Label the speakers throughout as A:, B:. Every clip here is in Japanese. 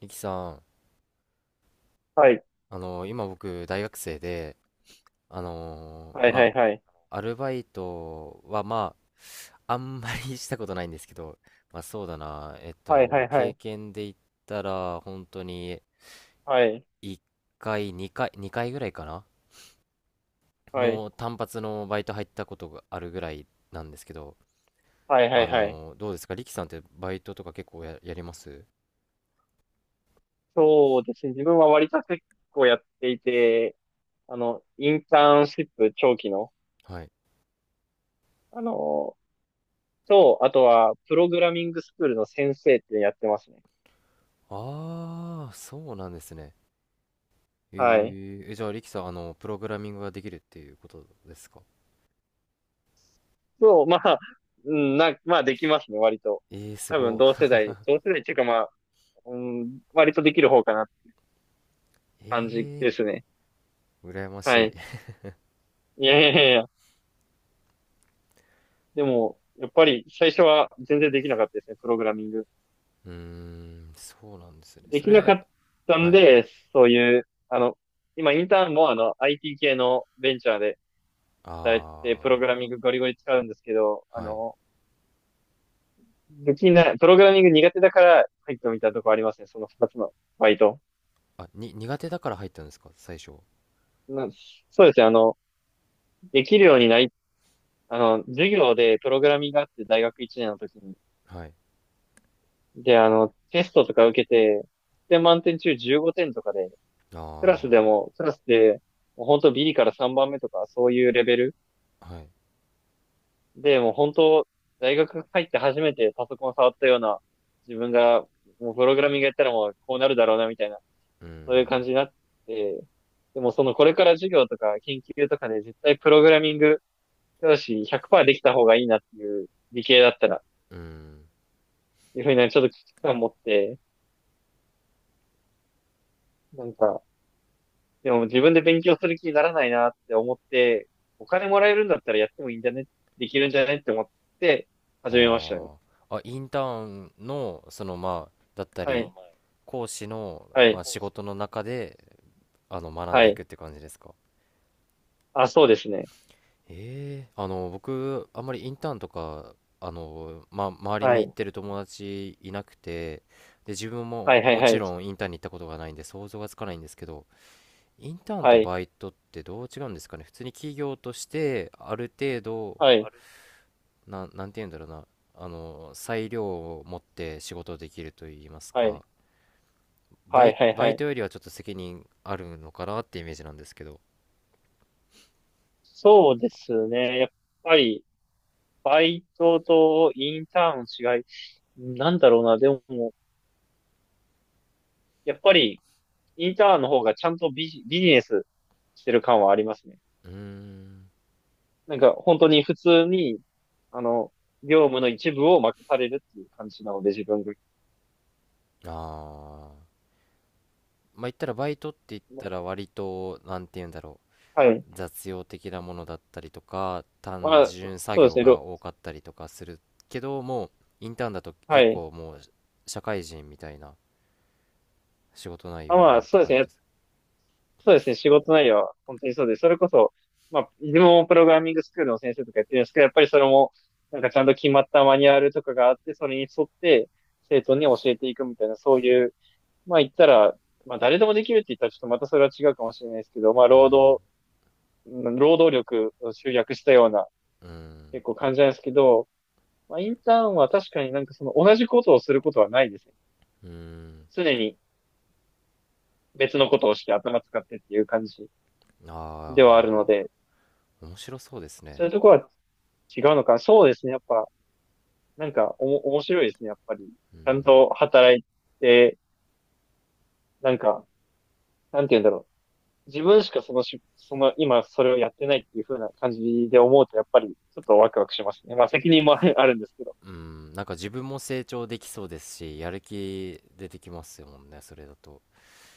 A: リキさん、
B: はい。
A: 今僕大学生で、あの
B: はいは
A: ま
B: いはい。
A: アルバイトはあんまり したことないんですけど、まあそうだな、
B: はいはいは
A: 経
B: い。
A: 験で言ったら本当に
B: はい。
A: 1回2回ぐらいかな
B: はい。
A: の単発のバイト入ったことがあるぐらいなんですけど、
B: はいはいはい。
A: どうですか、リキさんってバイトとか結構やります？
B: そうですね。自分は割と結構やっていて、インターンシップ長期の、
A: はい。
B: あの、あとは、プログラミングスクールの先生ってやってますね。
A: ああ、そうなんですね。え
B: はい。
A: じゃあ、リキさん、プログラミングができるっていうことですか？
B: そう、まあ、うん、まあできますね、割と。
A: えー、す
B: 多分
A: ごい。
B: 同世代っていうかまあ、うん、割とできる方かなって感じ
A: え
B: ですね。
A: ー、羨ま
B: は
A: しい。
B: い。いやいやいやいや。でも、やっぱり最初は全然できなかったですね、プログラミング。
A: うーん、そうなんですね。
B: で
A: そ
B: きなか
A: れ、
B: った
A: は
B: ん
A: い。
B: で、そういう、今インターンもIT 系のベンチャーで働いて、プロ
A: あ
B: グラミングゴリゴリ使うんですけど、
A: ー、はい。
B: できない、プログラミング苦手だから入ってみたとこありますね、その二つのバイト。
A: あ、苦手だから入ったんですか最初？
B: なそうですね、できるようになり、授業でプログラミングがあって大学1年の時に。
A: はい。
B: で、テストとか受けて、で、満点中15点とかで、
A: あ
B: クラスで、もう本当ビリから3番目とか、そういうレベル
A: ー、はい。
B: で、もう本当、大学入って初めてパソコン触ったような、自分が、もうプログラミングやったらもうこうなるだろうな、みたいな、
A: うー
B: そういう
A: ん、
B: 感じになって、でもそのこれから授業とか研究とかで絶対プログラミング教師100%できた方がいいなっていう理系だったら、
A: うーん。
B: いうふうにちょっと危機感持って、なんか、でも自分で勉強する気にならないなって思って、お金もらえるんだったらやってもいいんじゃねできるんじゃねって思って
A: あ
B: 始めましたね。
A: ー。あ、インターンの、その、まあ、だった
B: は
A: り、
B: い。
A: 講師の、
B: は
A: ま
B: い。
A: あ、仕事の中で、学ん
B: は
A: でい
B: い。
A: くって感じですか？
B: あ、そうですね。
A: ええ、僕、あんまりインターンとか、まあ、周り
B: は
A: に行っ
B: い。
A: てる友達いなくて、で、自分
B: は
A: も
B: いはい
A: も
B: は
A: ち
B: い。
A: ろんインターンに行ったことがないんで想像がつかないんですけど、インターン
B: は
A: と
B: い。
A: バイトってどう違うんですかね。普通に企業として、ある程度、
B: はい。あれ、
A: なんて言うんだろうな、裁量を持って仕事できると言います
B: はい。
A: か、
B: はいはいはいはいはいは
A: バ
B: い
A: イ
B: はい。
A: トよりはちょっと責任あるのかなってイメージなんですけど。
B: そうですね。やっぱり、バイトとインターンの違い。なんだろうな。でも、やっぱり、インターンの方がちゃんとビジネスしてる感はありますね。
A: うーん、
B: なんか、本当に普通に、あの、業務の一部を任されるっていう感じなので、自分
A: ああ。まあ言ったらバイトって言った
B: が。
A: ら割となんて言うんだろ
B: はい。
A: う、雑用的なものだったりとか単
B: まあ、
A: 純作
B: そうです
A: 業
B: ね。
A: が多かったりとかするけど、もうインターンだと
B: は
A: 結
B: い。
A: 構もう社会人みたいな仕事内
B: あ、
A: 容に
B: ま
A: な
B: あ、
A: るって
B: そうです
A: 感じ
B: ね。
A: です？
B: そうですね、仕事内容は本当にそうです、それこそ、まあ、自分もプログラミングスクールの先生とかやってるんですけど、やっぱりそれも、なんかちゃんと決まったマニュアルとかがあって、それに沿って生徒に教えていくみたいな、そういう、まあ言ったら、まあ誰でもできるって言ったらちょっとまたそれは違うかもしれないですけど、まあ
A: うん
B: うん労働力を集約したような
A: うん
B: 結構感じなんですけど、まあインターンは確かになんかその同じことをすることはないですね。
A: うん。
B: 常に別のことをして頭使ってっていう感じではある
A: ああ、
B: ので、
A: 面白そうです
B: そ
A: ね。
B: ういうところは違うのか。そうですね。やっぱ、なんか、面白いですね。やっぱり。
A: う
B: ちゃん
A: ん
B: と働いて、なんか、なんて言うんだろう。自分しかそのし、その、今それをやってないっていう風な感じで思うと、やっぱり、ちょっとワクワクしますね。まあ、責任も あるんですけど。
A: うん。なんか自分も成長できそうですし、やる気出てきますよもんね、それだと。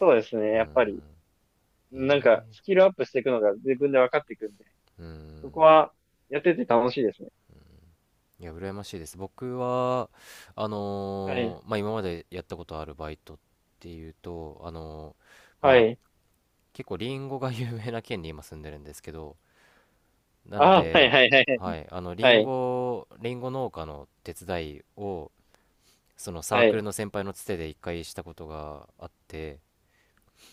B: そうですね。やっぱり、
A: うん、
B: なん
A: え
B: か、
A: え、
B: スキルアップしていくのが自分で分かっていくんで、
A: う
B: そ
A: ん。
B: こは、やってて楽しいですね。
A: いや、羨ましいです。僕は、
B: はい。
A: まあ、今までやったことあるバイトっていうと、
B: は
A: まあ、
B: い。
A: 結構リンゴが 有名な県に今住んでるんですけど、なの
B: ああ、はい
A: で、
B: はいはいはい。
A: はい、
B: はい。
A: リンゴ農家の手伝いを、そのサーク
B: は
A: ルの先輩のつてで一回したことがあって、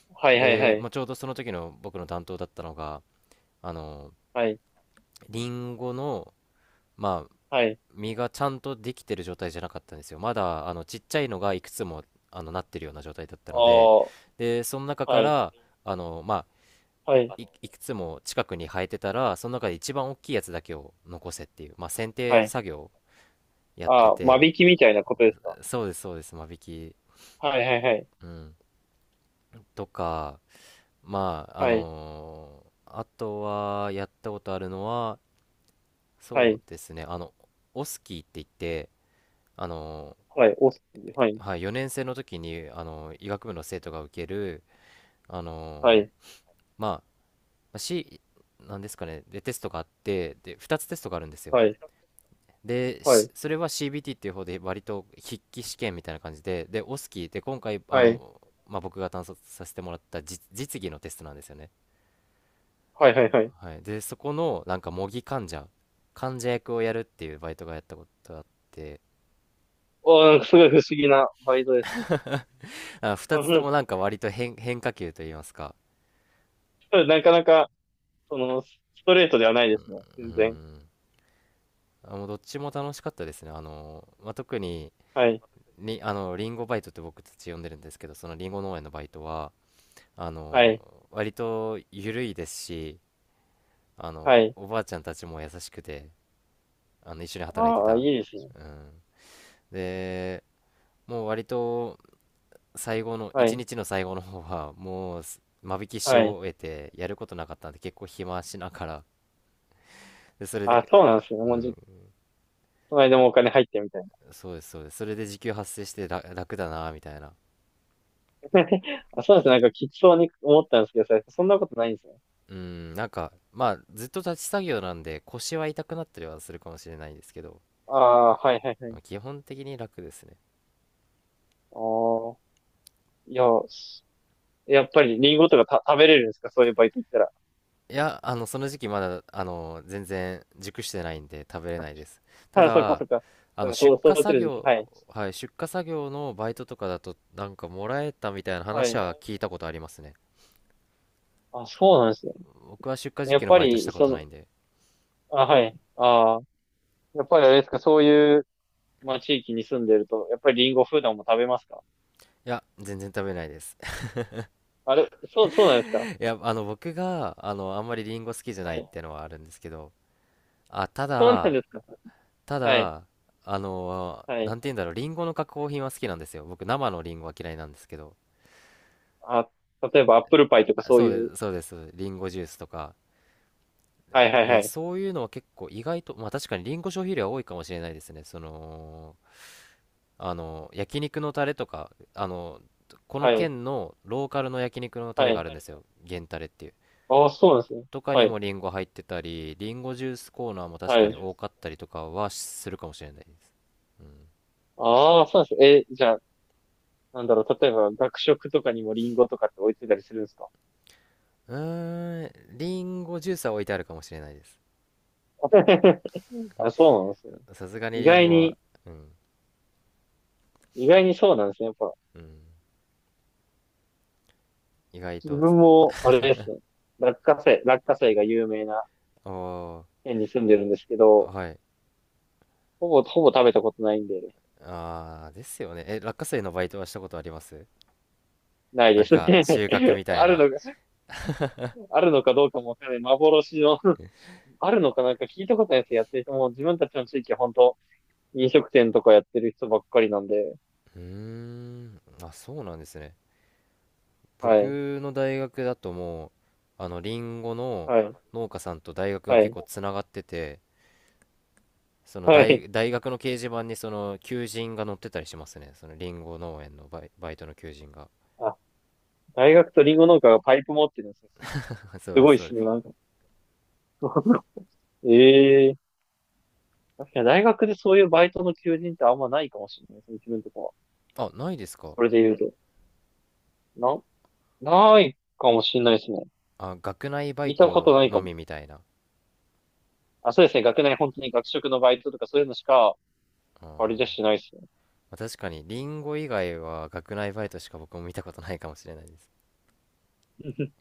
B: いはいはい
A: で、
B: はい。
A: まあ、ちょうどその時の僕の担当だったのが、あの
B: はい。
A: リンゴの、まあ、
B: はい。
A: 実がちゃんとできてる状態じゃなかったんですよ。まだちっちゃいのがいくつもなってるような状態だった
B: あ
A: ので、
B: あ、は
A: で、その中か
B: い。
A: らまあ、
B: はい。
A: いくつも近くに生えてたらその中で一番大きいやつだけを残せっていう、まあ、剪定
B: はい。
A: 作業をやって
B: ああ、間
A: て。
B: 引きみたいなことですか？
A: そうです、そうです、間引き、
B: はいはいはい。
A: うん、とか。まあ、
B: はい、
A: あとはやったことあるのは、
B: は
A: そう
B: い、
A: ですね、オスキーって言って、あの
B: はい、はい、
A: はい、4年生の時に医学部の生徒が受ける、あ
B: は
A: の
B: い、
A: まあ、なんですかね、でテストがあって、で2つテストがあるんですよ。
B: はい、
A: で
B: は
A: し
B: い、
A: それは CBT っていう方で割と筆記試験みたいな感じで、でオスキーで今回、
B: はい、
A: まあ、僕が担当させてもらった実技のテストなんですよね、
B: はい、はい、はい。
A: はい。でそこのなんか模擬患者患者役をやるっていうバイトがやったことがあって。
B: おー、なんかすごい不思議なバイトですね。
A: あ、
B: う
A: 2つ
B: んう
A: とも
B: ん
A: なんか割と変化球といいますか。
B: なかなか、ストレートではないですね。
A: う
B: 全然。
A: ん。あ、もうどっちも楽しかったですね。あの、まあ、特に、
B: はい、
A: りあの、リンゴバイトって僕たち呼んでるんですけど、そのリンゴ農園のバイトは、あ
B: は
A: の、
B: い、
A: 割と緩いですし、
B: はい。
A: おばあちゃんたちも優しくて、一緒に働いて
B: ああ、いい
A: た。
B: ですね。
A: うん。で、もう割と最後の、
B: は
A: 一
B: い、
A: 日の最後の方は、もう間引きし
B: はい。
A: 終えて、やることなかったんで、結構暇しながら、で、それ
B: あ、
A: で、
B: そうなんですね。
A: う
B: もう
A: ん、
B: じ、この間もお金入ってみたいな。
A: そうです、そうです。それで時給発生してら楽だな、みたいな。
B: あ、そうですね。なんかきつそうに思ったんですけど、そんなことないんですね。
A: うん、なんか、まあ、ずっと立ち作業なんで、腰は痛くなったりはするかもしれないんですけど、
B: ああ、はい、はい、はい。
A: まあ、基本的に楽ですね。
B: ああ、いや、やっぱりリンゴとか食べれるんですか？そういうバイト行ったら。
A: いや、その時期まだ、全然熟してないんで食べれ ないです。た
B: あ、そっか
A: だ、
B: そっか。そうか、そ
A: 出
B: う、
A: 荷
B: 育て
A: 作
B: る時期。は
A: 業、
B: い。
A: はい、出荷作業のバイトとかだと、なんかもらえたみたいな
B: は
A: 話
B: い。
A: は聞いたことありますね。
B: あ、そうなんですね。
A: 僕は出荷時
B: や
A: 期
B: っ
A: の
B: ぱ
A: バイトし
B: り、
A: たことないんで。
B: あ、はい。ああ、やっぱりあれですか、そういう、まあ、地域に住んでると、やっぱりリンゴ普段も食べますか？
A: いや、全然食べれないです。
B: あれ、そうなんですか？
A: いや、僕が、あんまりリンゴ好きじゃ
B: は
A: ないっ
B: い。
A: てのはあるんですけど、あ、
B: そうなんですか？
A: た
B: はい。
A: だ、
B: は
A: な
B: い。
A: んて言うんだろう、リンゴの加工品は好きなんですよ。僕、生のリンゴは嫌いなんですけど。
B: あ、例えばアップルパイとか
A: あ、
B: そう
A: そう
B: い
A: で
B: う。
A: す、そうです。リンゴジュースとか。
B: はいはいは
A: で、
B: い。
A: そういうのは結構意外と、まあ確かにリンゴ消費量は多いかもしれないですね。その、焼肉のタレとか、この
B: はい。
A: 県のローカルの焼肉のタ
B: は
A: レが
B: い。
A: あるんですよ。源タレっていう。
B: ああ、そうなんですね。
A: とか
B: は
A: に
B: い。
A: もリンゴ入ってたり、リンゴジュースコーナーも確
B: は
A: かに
B: い。
A: 多かったりとかはするかもしれないです。うん。
B: ああ、そうなんです。え、じゃあ、なんだろう、例えば学食とかにもリンゴとかって置いてたりするんですか？
A: うーん、リンゴジュースは置いてあるかもしれないです。
B: あ、そうなんですね。
A: さすがに
B: 意
A: リン
B: 外
A: ゴは、
B: に、
A: うん、
B: 意外にそうなんですね。やっぱ、
A: うん、意外
B: 自
A: と、そ
B: 分
A: う、
B: も、あれですね。落花生が有名な
A: あ
B: 県に住んでるんですけ
A: ー、
B: ど、
A: はい。
B: ほぼ食べたことないんで、
A: あー、ですよね。え、落花生のバイトはしたことあります？
B: ない
A: な
B: で
A: ん
B: す
A: か、
B: ね。
A: 収穫 みたい
B: ある
A: な。
B: のか、あるのかどうかもわからない。幻の あるのかなんか聞いたことないです。やってる人も、自分たちの地域は本当飲食店とかやってる人ばっかりなんで、
A: うーん、あ、そうなんですね。
B: はい、
A: 僕の大学だともう、リンゴの
B: はい、
A: 農家さんと大学が
B: はい、
A: 結構つながってて、
B: はい。
A: 大学の掲示板にその求人が載ってたりしますね。そのリンゴ農園のバイトの求人が。
B: あ、大学とリンゴ農家がパイプ持ってるんですよ。
A: そう
B: す
A: です、
B: ごいで
A: そうで
B: すね、
A: す。
B: なんか。ええー、確かに大学でそういうバイトの求人ってあんまないかもしれないですね、自分とかは。
A: あ、ないですか？
B: それで言うと。な、ないかもしれないですね。
A: あ、学内バイ
B: 見たこと
A: ト
B: ない
A: の
B: かも。
A: みみたいな。
B: あ、そうですね、学内本当に学食のバイトとかそういうのしか、
A: あ
B: あれじゃ
A: ー、
B: しないです
A: まあ確かに、リンゴ以外は学内バイトしか僕も見たことないかもしれないです。
B: ね。